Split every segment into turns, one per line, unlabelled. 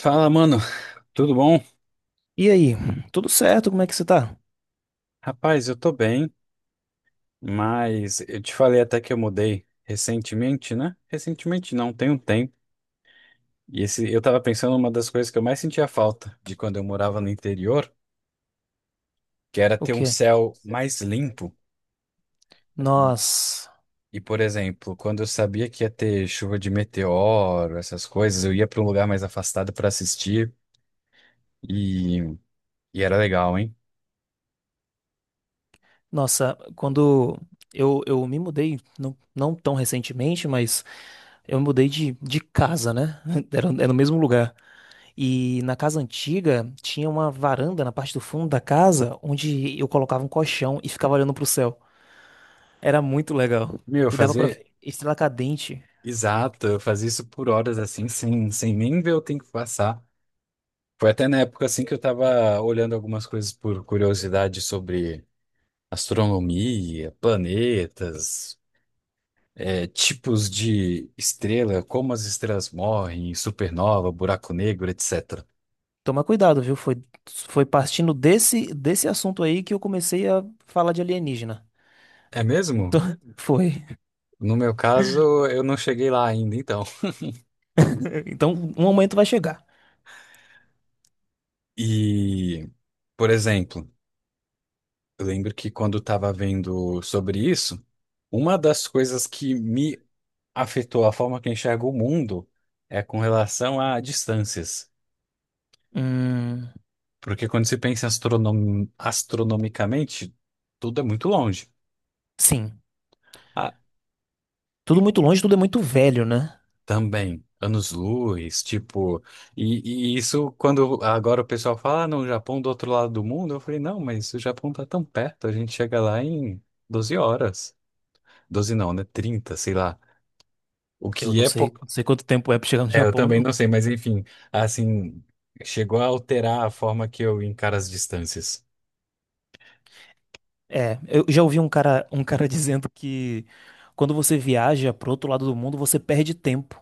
Fala, mano, tudo bom?
E aí, tudo certo? Como é que você tá?
Rapaz, eu tô bem, mas eu te falei até que eu mudei recentemente, né? Recentemente não, tem um tempo. E esse, eu tava pensando uma das coisas que eu mais sentia falta de quando eu morava no interior, que era
O
ter um
quê?
céu mais limpo. E,
Nós,
por exemplo, quando eu sabia que ia ter chuva de meteoro, essas coisas, eu ia pra um lugar mais afastado pra assistir. E era legal, hein?
nossa, quando eu me mudei, não tão recentemente, mas eu me mudei de casa, né? Era no mesmo lugar. E na casa antiga tinha uma varanda na parte do fundo da casa onde eu colocava um colchão e ficava olhando pro céu. Era muito legal.
Meu,
E dava pra
fazer.
ver estrela cadente.
Exato, eu fazia isso por horas assim, sem nem ver o tempo passar. Foi até na época assim que eu tava olhando algumas coisas por curiosidade sobre astronomia, planetas, tipos de estrela, como as estrelas morrem, supernova, buraco negro, etc.
Toma cuidado, viu? Foi partindo desse assunto aí que eu comecei a falar de alienígena.
É mesmo?
Então, foi.
No meu caso, eu não cheguei lá ainda, então.
Então, um momento vai chegar.
E, por exemplo, eu lembro que quando eu estava vendo sobre isso, uma das coisas que me afetou a forma que eu enxergo o mundo é com relação a distâncias.
Hum,
Porque quando se pensa astronomicamente, tudo é muito longe.
sim.
Ah,
Tudo muito longe, tudo é muito velho, né?
também, anos-luz, tipo, e isso quando agora o pessoal fala, ah, não, o Japão do outro lado do mundo, eu falei, não, mas o Japão tá tão perto, a gente chega lá em 12 horas. Doze não, né? 30 sei lá. O
Eu
que
não
é
sei,
pouco.
não sei quanto tempo é pra chegar no
É, eu
Japão,
também não
não.
sei, mas enfim, assim, chegou a alterar a forma que eu encaro as distâncias.
É, eu já ouvi um cara dizendo que quando você viaja pro outro lado do mundo, você perde tempo.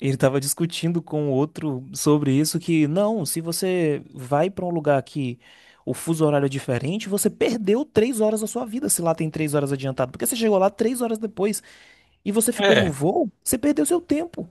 Ele tava discutindo com outro sobre isso, que não, se você vai pra um lugar que o fuso horário é diferente, você perdeu 3 horas da sua vida se lá tem 3 horas adiantado. Porque você chegou lá 3 horas depois e você ficou no
é
voo, você perdeu seu tempo.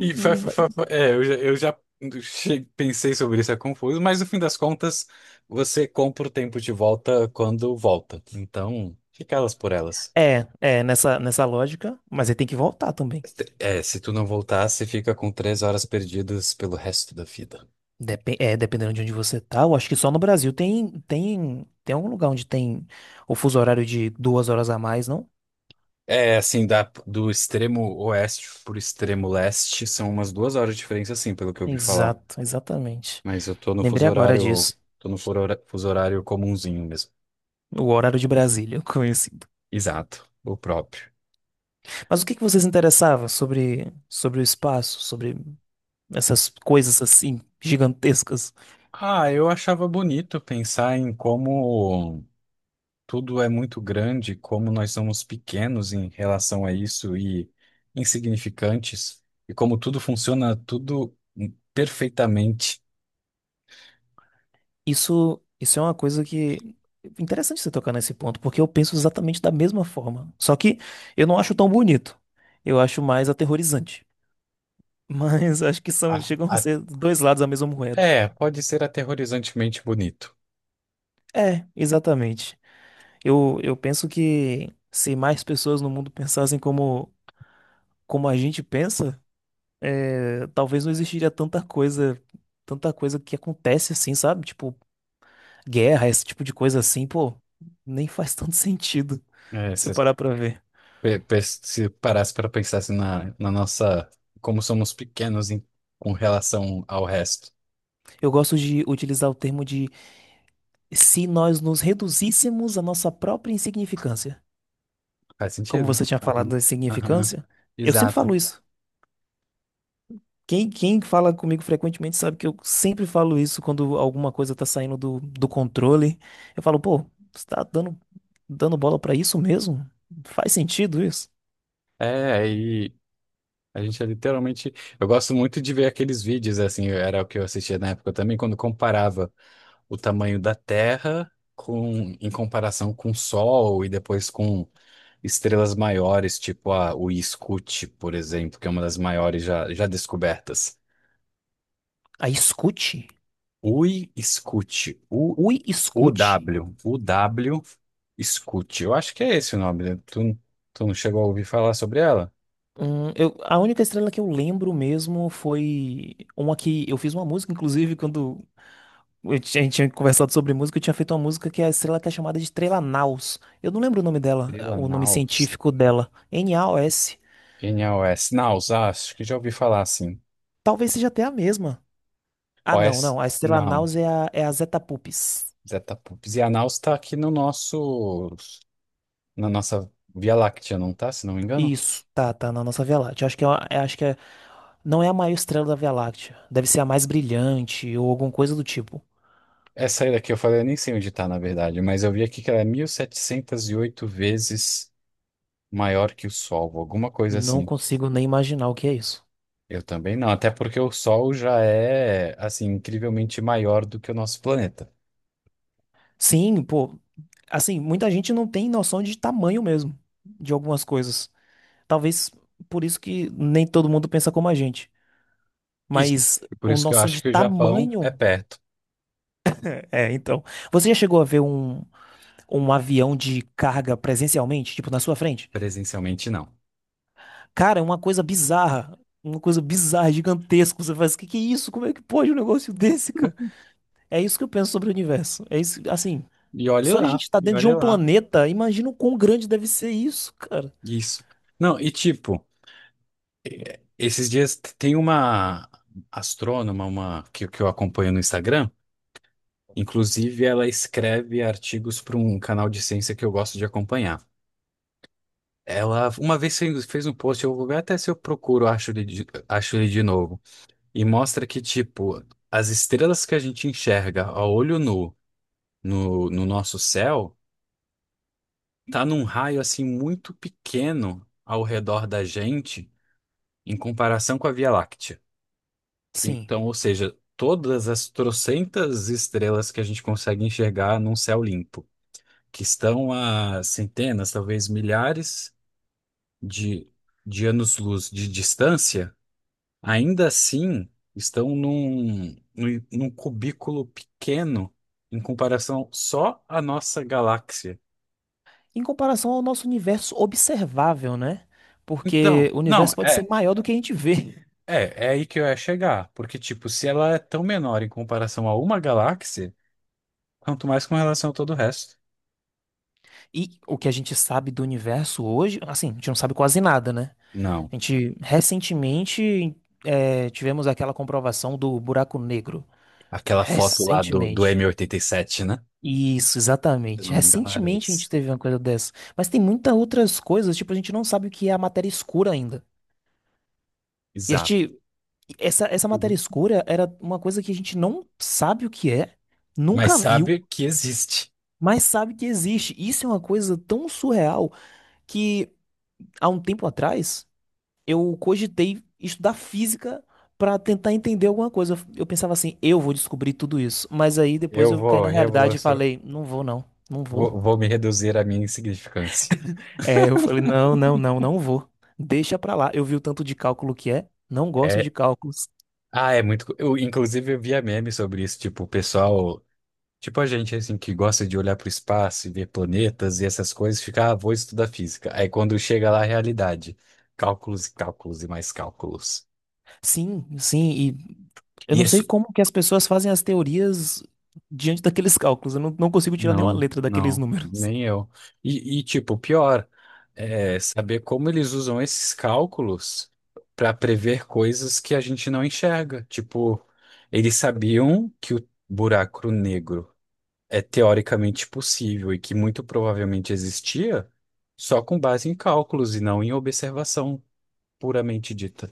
E fa- fa- fa- fa- eu já pensei sobre isso, é confuso, mas no fim das contas, você compra o tempo de volta quando volta. Então, fica elas por elas.
É, é, nessa lógica, mas aí tem que voltar também.
É, se tu não voltar, você fica com 3 horas perdidas pelo resto da vida.
Dependendo de onde você tá, eu acho que só no Brasil tem, tem algum lugar onde tem o fuso horário de 2 horas a mais, não?
É, assim, do extremo oeste pro extremo leste, são umas 2 horas de diferença, sim, pelo que eu ouvi falar.
Exato, exatamente.
Mas eu tô no
Lembrei
fuso
agora
horário,
disso.
tô no fuso horário comumzinho mesmo.
O horário de Brasília, conhecido.
Exato, o próprio.
Mas o que que vocês interessavam sobre, sobre o espaço, sobre essas coisas assim gigantescas?
Ah, eu achava bonito pensar em como tudo é muito grande, como nós somos pequenos em relação a isso e insignificantes, e como tudo funciona tudo perfeitamente.
Isso é uma coisa que. Interessante você tocar nesse ponto, porque eu penso exatamente da mesma forma. Só que eu não acho tão bonito. Eu acho mais aterrorizante. Mas acho que são,
A-
chegam a
a-
ser dois lados da mesma moeda.
É, pode ser aterrorizantemente bonito.
É, exatamente. Eu penso que se mais pessoas no mundo pensassem como a gente pensa, é, talvez não existiria tanta coisa que acontece assim, sabe? Tipo, guerra, esse tipo de coisa assim, pô, nem faz tanto sentido
É,
você
se,
parar pra ver.
pe- pe- Se parasse para pensar assim na nossa, como somos pequenos em, com relação ao resto.
Eu gosto de utilizar o termo de se nós nos reduzíssemos à nossa própria insignificância.
Faz
Como
sentido.
você tinha falado
Aham,
da
aham.
insignificância, eu sempre
Exato.
falo isso. Quem fala comigo frequentemente sabe que eu sempre falo isso quando alguma coisa tá saindo do controle. Eu falo, pô, você tá dando bola pra isso mesmo? Faz sentido isso?
É, e a gente é literalmente. Eu gosto muito de ver aqueles vídeos, assim, era o que eu assistia na época também, quando comparava o tamanho da Terra com, em comparação com o Sol e depois com estrelas maiores, tipo a Uiscute, por exemplo, que é uma das maiores já descobertas.
Aí escute.
Uiscute, U,
Ui, escute.
UW, UW Scoot. Eu acho que é esse o nome, né? Tu não chegou a ouvir falar sobre ela?
A única estrela que eu lembro mesmo foi uma que eu fiz uma música, inclusive, quando a gente tinha conversado sobre música, eu tinha feito uma música que a estrela que é chamada de Estrela Naus. Eu não lembro o nome dela,
Estrela
o nome
Naus.
científico dela. NAOS.
Quem é OS? Naus, ah, acho que já ouvi falar assim.
Talvez seja até a mesma. Ah, não,
OS?
não. A Estrela
Não.
Naus é a, é a Zeta Pupis.
Zetapups. E a Naus tá aqui no nosso. Na nossa Via Láctea, não tá? Se não me engano.
Isso, tá, tá na nossa Via Láctea. Acho que é, não é a maior estrela da Via Láctea. Deve ser a mais brilhante ou alguma coisa do tipo.
Essa aí daqui eu falei, eu nem sei onde tá, na verdade, mas eu vi aqui que ela é 1708 vezes maior que o Sol, alguma coisa
Não
assim.
consigo nem imaginar o que é isso.
Eu também não, até porque o Sol já é, assim, incrivelmente maior do que o nosso planeta.
Sim, pô, assim, muita gente não tem noção de tamanho mesmo de algumas coisas. Talvez por isso que nem todo mundo pensa como a gente.
Isso.
Mas
E por
o
isso que eu
noção
acho
de
que o Japão é
tamanho.
perto,
É, então. Você já chegou a ver um, um avião de carga presencialmente, tipo, na sua frente?
presencialmente não.
Cara, é uma coisa bizarra. Uma coisa bizarra, gigantesca. Você faz, que é isso? Como é que pode um negócio desse, cara? É isso que eu penso sobre o universo. É isso, assim,
E olhe
só de a gente
lá,
estar
e
dentro de
olhe
um
lá.
planeta, imagina o quão grande deve ser isso, cara.
Isso. Não, e tipo, esses dias tem uma astrônoma, que eu acompanho no Instagram, inclusive ela escreve artigos para um canal de ciência que eu gosto de acompanhar. Ela uma vez fez um post, eu vou ver até se eu procuro, acho ele de novo, e mostra que, tipo, as estrelas que a gente enxerga a olho nu no nosso céu, tá num raio assim muito pequeno ao redor da gente. Em comparação com a Via Láctea.
Sim.
Então, ou seja, todas as trocentas estrelas que a gente consegue enxergar num céu limpo, que estão a centenas, talvez milhares de, de anos-luz de distância, ainda assim estão num cubículo pequeno em comparação só à nossa galáxia.
Em comparação ao nosso universo observável, né? Porque
Então,
o
não,
universo pode
é.
ser maior do que a gente vê.
É, é aí que eu ia chegar, porque, tipo, se ela é tão menor em comparação a uma galáxia, quanto mais com relação a todo o resto.
E o que a gente sabe do universo hoje, assim, a gente não sabe quase nada, né?
Não.
A gente recentemente tivemos aquela comprovação do buraco negro.
Aquela foto lá do
Recentemente.
M87, né?
Isso,
Se eu
exatamente.
não me engano, era
Recentemente a gente
esse.
teve uma coisa dessa. Mas tem muitas outras coisas, tipo, a gente não sabe o que é a matéria escura ainda. E a
Exato.
gente, essa matéria
Uhum.
escura era uma coisa que a gente não sabe o que é,
Mas
nunca viu.
sabe que existe.
Mas sabe que existe. Isso é uma coisa tão surreal que há um tempo atrás eu cogitei estudar física para tentar entender alguma coisa. Eu pensava assim, eu vou descobrir tudo isso. Mas aí depois
Eu
eu caí
vou
na realidade e
revolucionar.
falei, não vou não, não vou.
Vou me reduzir à minha insignificância.
É, eu falei, não, não, não, não vou. Deixa pra lá. Eu vi o tanto de cálculo que é. Não gosto de
É,
cálculos.
ah, é muito. Eu, inclusive, eu via memes sobre isso. Tipo, o pessoal. Tipo, a gente, assim, que gosta de olhar para o espaço e ver planetas e essas coisas, fica, ah, vou estudar física. Aí quando chega lá, a realidade. Cálculos e cálculos e mais cálculos.
Sim, sim, e eu
E
não sei
isso.
como que as pessoas fazem as teorias diante daqueles cálculos. Eu não consigo tirar nenhuma
Não,
letra daqueles
não,
números.
nem eu. E, tipo, pior, é saber como eles usam esses cálculos para prever coisas que a gente não enxerga. Tipo, eles sabiam que o buraco negro é teoricamente possível e que muito provavelmente existia só com base em cálculos e não em observação puramente dita.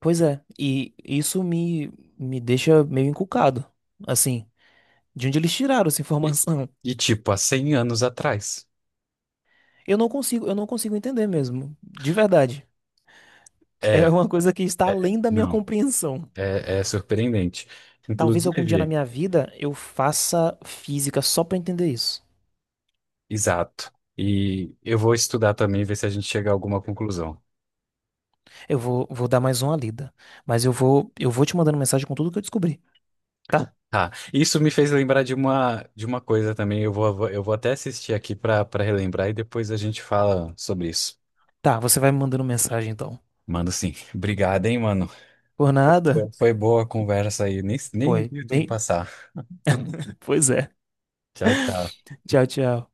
Pois é, e isso me deixa meio encucado, assim, de onde eles tiraram essa
E,
informação?
e, tipo, há 100 anos atrás.
Eu não consigo entender mesmo, de verdade. É
É,
uma coisa que está além da minha
não,
compreensão.
é surpreendente.
Talvez algum dia na
Inclusive.
minha vida eu faça física só para entender isso.
Exato. E eu vou estudar também, ver se a gente chega a alguma conclusão.
Eu vou dar mais uma lida, mas eu vou te mandando mensagem com tudo que eu descobri, tá?
Tá. Isso me fez lembrar de de uma coisa também. Eu vou até assistir aqui para relembrar e depois a gente fala sobre isso.
Tá, você vai me mandando mensagem então.
Mano, sim. Obrigado, hein, mano.
Por nada?
Foi boa a conversa aí. Nem
Foi.
vi o tempo
Bem,
passar.
pois é.
Tchau, tchau.
Tchau, tchau.